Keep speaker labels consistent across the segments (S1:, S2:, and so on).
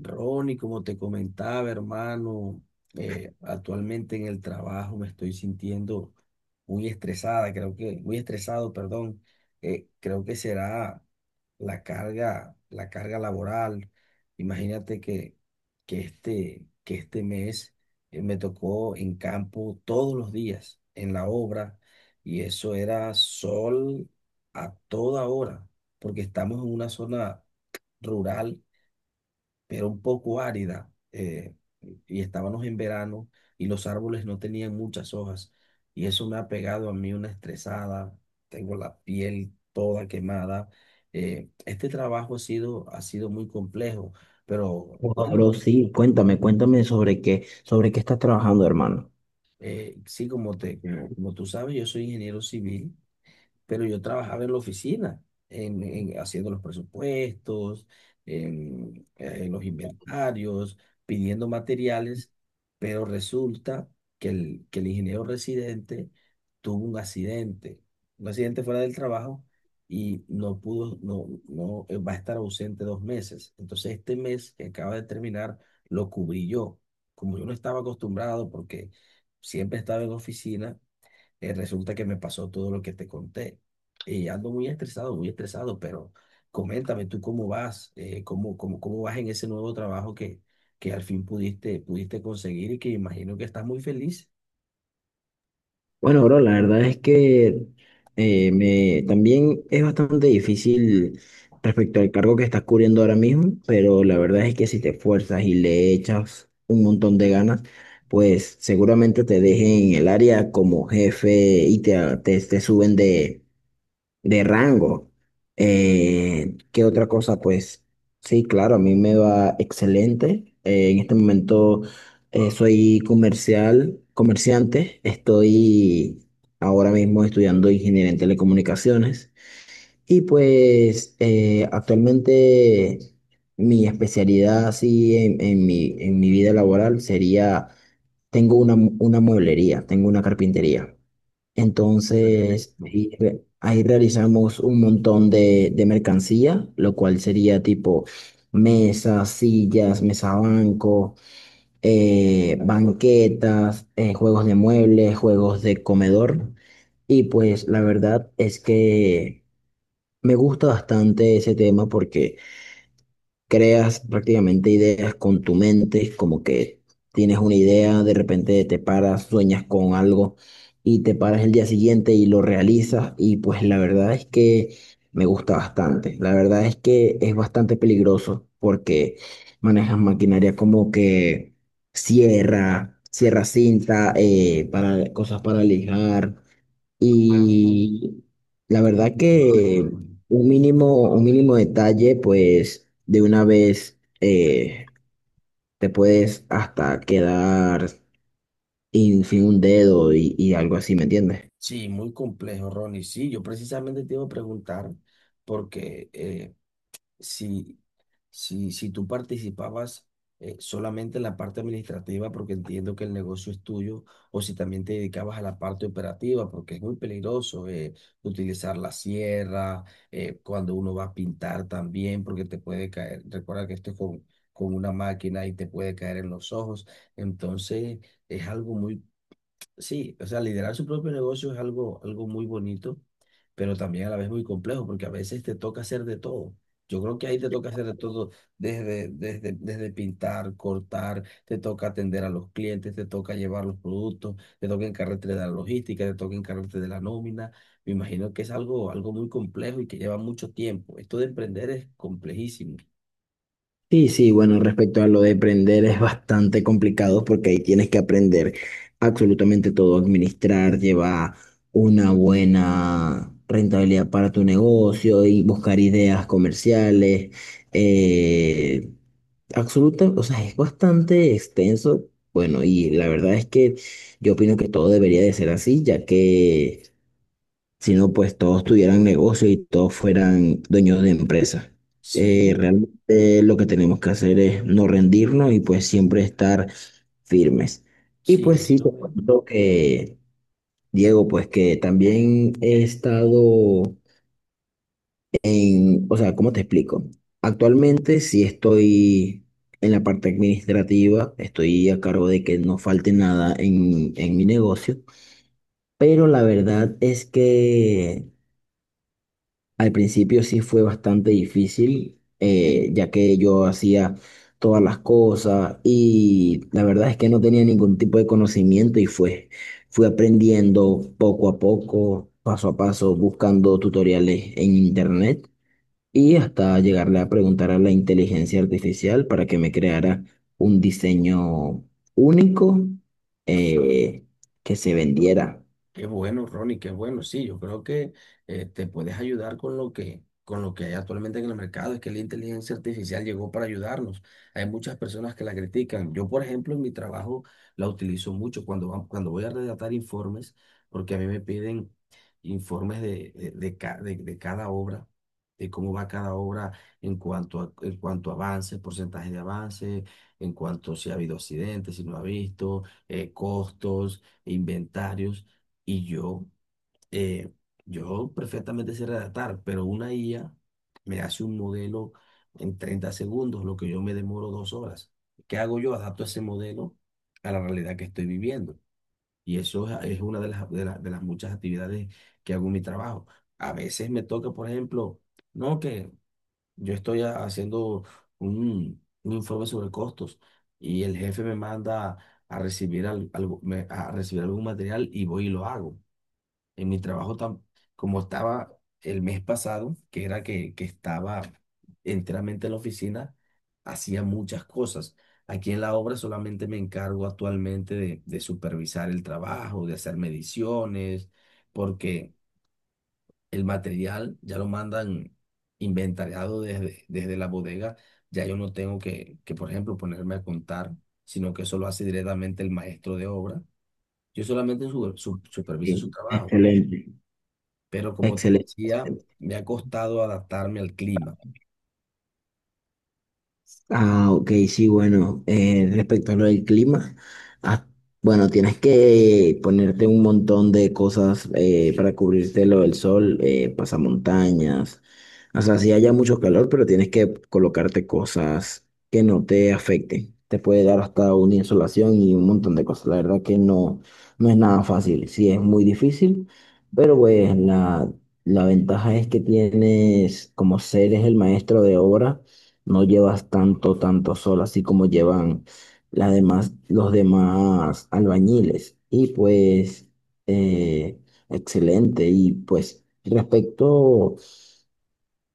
S1: Ronnie, como te comentaba, hermano, actualmente en el trabajo me estoy sintiendo muy estresada, muy estresado, perdón. Creo que será la carga laboral. Imagínate que, que este mes me tocó en campo todos los días, en la obra, y eso era sol a toda hora, porque estamos en una zona rural pero un poco árida, y estábamos en verano y los árboles no tenían muchas hojas, y eso me ha pegado a mí una estresada, tengo la piel toda quemada. Este trabajo ha sido muy complejo, pero
S2: Wow,
S1: bueno,
S2: bro, sí, cuéntame, sobre qué estás trabajando, hermano.
S1: sí, como tú sabes, yo soy ingeniero civil pero yo trabajaba en la oficina, haciendo los presupuestos, en los inventarios, pidiendo materiales, pero resulta que el ingeniero residente tuvo un accidente fuera del trabajo y no pudo, no, no, va a estar ausente 2 meses. Entonces este mes que acaba de terminar lo cubrí yo, como yo no estaba acostumbrado porque siempre estaba en oficina resulta que me pasó todo lo que te conté. Y ando muy estresado, pero coméntame tú cómo vas, cómo vas en ese nuevo trabajo que al fin pudiste conseguir y que imagino que estás muy feliz.
S2: Bueno, bro, la verdad es que también es bastante difícil respecto al cargo que estás cubriendo ahora mismo, pero la verdad es que si te esfuerzas y le echas un montón de ganas, pues seguramente te dejen en el área como jefe y te suben de rango. ¿Qué otra cosa? Pues sí, claro, a mí me va excelente. En este momento soy comerciante. Estoy ahora mismo estudiando ingeniería en telecomunicaciones. Y pues actualmente mi especialidad así en en mi vida laboral sería, tengo una, una mueblería, tengo una carpintería. Entonces,
S1: Perfecto.
S2: ahí realizamos un montón de mercancía, lo cual sería tipo mesas, sillas, mesa banco, banquetas, juegos de muebles, juegos de comedor. Y pues la verdad es que me gusta bastante ese tema porque creas prácticamente ideas con tu mente, como que tienes una idea, de repente te paras, sueñas con algo y te paras el día siguiente y lo realizas y pues la verdad es que me gusta bastante. La verdad es que es bastante peligroso porque manejas maquinaria como que sierra cinta, cosas para lijar.
S1: Ah,
S2: Y la
S1: y
S2: verdad
S1: por supuesto,
S2: que
S1: Ronnie.
S2: un mínimo detalle, pues de una vez te puedes hasta quedar sin un dedo y algo así, ¿me entiendes?
S1: Sí, muy complejo, Ronnie. Sí, yo precisamente te iba a preguntar porque si, si tú participabas solamente en la parte administrativa, porque entiendo que el negocio es tuyo, o si también te dedicabas a la parte operativa, porque es muy peligroso utilizar la sierra, cuando uno va a pintar también, porque te puede caer, recuerda que esto es con una máquina y te puede caer en los ojos, entonces es algo muy. Sí, o sea, liderar su propio negocio es algo, algo muy bonito, pero también a la vez muy complejo, porque a veces te toca hacer de todo. Yo creo que ahí te toca hacer de todo, desde pintar, cortar, te toca atender a los clientes, te toca llevar los productos, te toca encargarte de la logística, te toca encargarte de la nómina. Me imagino que es algo, algo muy complejo y que lleva mucho tiempo. Esto de emprender es complejísimo.
S2: Sí, sí, bueno, respecto a lo de aprender es bastante complicado porque ahí tienes que aprender absolutamente todo, administrar, llevar una buena rentabilidad para tu negocio y buscar ideas comerciales. eh, o sea, es bastante extenso. Bueno, y la verdad es que yo opino que todo debería de ser así, ya que sino pues todos tuvieran negocio y todos fueran dueños de empresas.
S1: Sí,
S2: Realmente lo que tenemos que hacer es no rendirnos y pues siempre estar firmes. Y
S1: sí,
S2: pues sí, te
S1: eso.
S2: cuento que, Diego, pues que también he estado en, o sea, ¿cómo te explico? Actualmente sí estoy en la parte administrativa, estoy a cargo de que no falte nada en mi negocio, pero la verdad es que al principio sí fue bastante difícil, ya que yo hacía todas las cosas y la verdad es que no tenía ningún tipo de conocimiento y fui aprendiendo poco a poco, paso a paso, buscando tutoriales en internet y hasta llegarle a preguntar a la inteligencia artificial para que me creara un diseño único, eh, que se vendiera.
S1: Qué bueno, Ronnie, qué bueno. Sí, yo creo que te puedes ayudar con lo con lo que hay actualmente en el mercado. Es que la inteligencia artificial llegó para ayudarnos. Hay muchas personas que la critican. Yo, por ejemplo, en mi trabajo la utilizo mucho cuando voy a redactar informes, porque a mí me piden informes de cada obra, de cómo va cada obra en cuanto a avance, porcentaje de avance, en cuanto si ha habido accidentes, si no ha visto, costos, inventarios. Y yo, eh, yo perfectamente sé redactar, pero una IA me hace un modelo en 30 segundos, lo que yo me demoro 2 horas. ¿Qué hago yo? Adapto ese modelo a la realidad que estoy viviendo. Y eso es una de las, de las muchas actividades que hago en mi trabajo. A veces me toca, por ejemplo, no que yo estoy haciendo un informe sobre costos y el jefe me manda a recibir, a recibir algún material y voy y lo hago en mi trabajo, como estaba el mes pasado, que era que estaba enteramente en la oficina, hacía muchas cosas. Aquí en la obra solamente me encargo actualmente de supervisar el trabajo, de hacer mediciones, porque el material ya lo mandan inventariado desde la bodega. Ya yo no tengo por ejemplo, ponerme a contar, sino que eso lo hace directamente el maestro de obra. Yo solamente superviso su
S2: Sí.
S1: trabajo,
S2: Excelente.
S1: pero como te decía,
S2: Excelente.
S1: me ha costado adaptarme al clima.
S2: Ah, ok, sí, bueno, respecto a lo del clima, ah, bueno, tienes que ponerte un montón de cosas para cubrirte lo del sol, pasamontañas, o sea, sí haya mucho calor, pero tienes que colocarte cosas que no te afecten. Te puede dar hasta una insolación y un montón de cosas. La verdad que no, no es nada fácil, sí es muy difícil, pero pues la ventaja es que tienes, como ser es el maestro de obra no llevas tanto, tanto sol, así como llevan las demás, los demás albañiles. Y pues, eh, excelente. Y pues, respecto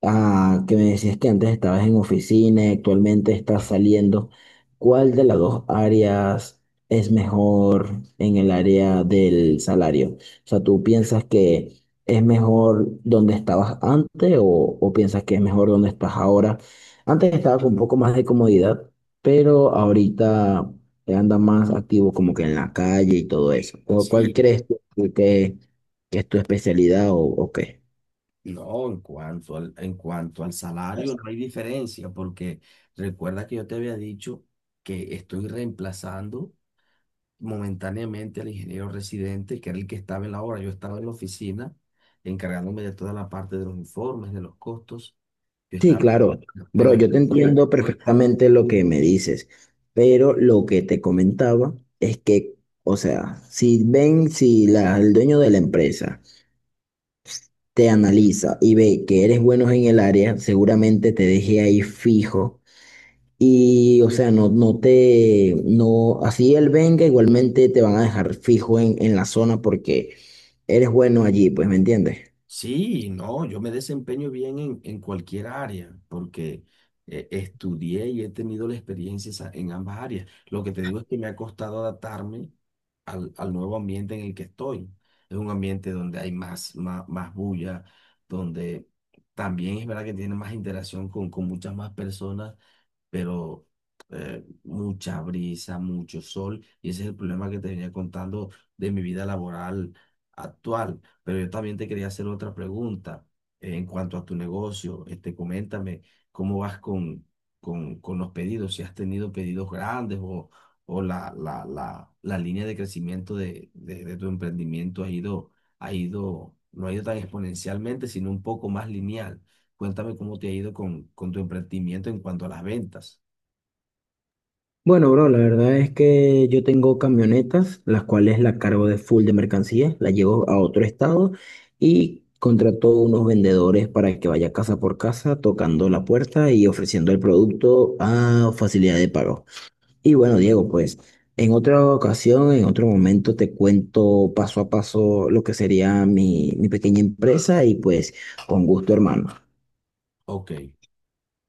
S2: ah, que me decías que antes estabas en oficina y actualmente estás saliendo. ¿Cuál de las dos áreas es mejor en el área del salario? O sea, ¿tú piensas que es mejor donde estabas antes o piensas que es mejor donde estás ahora? Antes estaba con un poco más de comodidad, pero ahorita anda más activo como que en la calle y todo eso. ¿Cuál
S1: Sí,
S2: crees tú que, que es tu especialidad o qué?
S1: no, en cuanto al salario no hay diferencia, porque recuerda que yo te había dicho que estoy reemplazando momentáneamente al ingeniero residente, que era el que estaba en la obra. Yo estaba en la oficina encargándome de toda la parte de los informes, de los costos. Yo
S2: Sí,
S1: estaba,
S2: claro. Bro,
S1: pero
S2: yo
S1: esto
S2: te
S1: fue.
S2: entiendo perfectamente lo que me dices, pero lo que te comentaba es que, o sea, si ven, si el dueño de la empresa te analiza y ve que eres bueno en el área, seguramente te deje ahí fijo y, o sea, no, así él venga, igualmente te van a dejar fijo en la zona porque eres bueno allí, pues, ¿me entiendes?
S1: Sí, no, yo me desempeño bien en cualquier área porque estudié y he tenido la experiencia en ambas áreas. Lo que te digo es que me ha costado adaptarme al nuevo ambiente en el que estoy. Es un ambiente donde hay más bulla, donde también es verdad que tiene más interacción con muchas más personas, pero mucha brisa, mucho sol, y ese es el problema que te venía contando de mi vida laboral actual. Pero yo también te quería hacer otra pregunta en cuanto a tu negocio. Este, coméntame cómo vas con los pedidos, si has tenido pedidos grandes o la línea de crecimiento de tu emprendimiento ha ido, no ha ido tan exponencialmente, sino un poco más lineal. Cuéntame cómo te ha ido con tu emprendimiento en cuanto a las ventas.
S2: Bueno, bro, la verdad es que yo tengo camionetas, las cuales la cargo de full de mercancías, la llevo a otro estado y contrato unos vendedores para que vaya casa por casa tocando la puerta y ofreciendo el producto a facilidad de pago. Y bueno, Diego, pues en otra ocasión, en otro momento te cuento paso a paso lo que sería mi pequeña empresa y pues con gusto, hermano.
S1: Ok.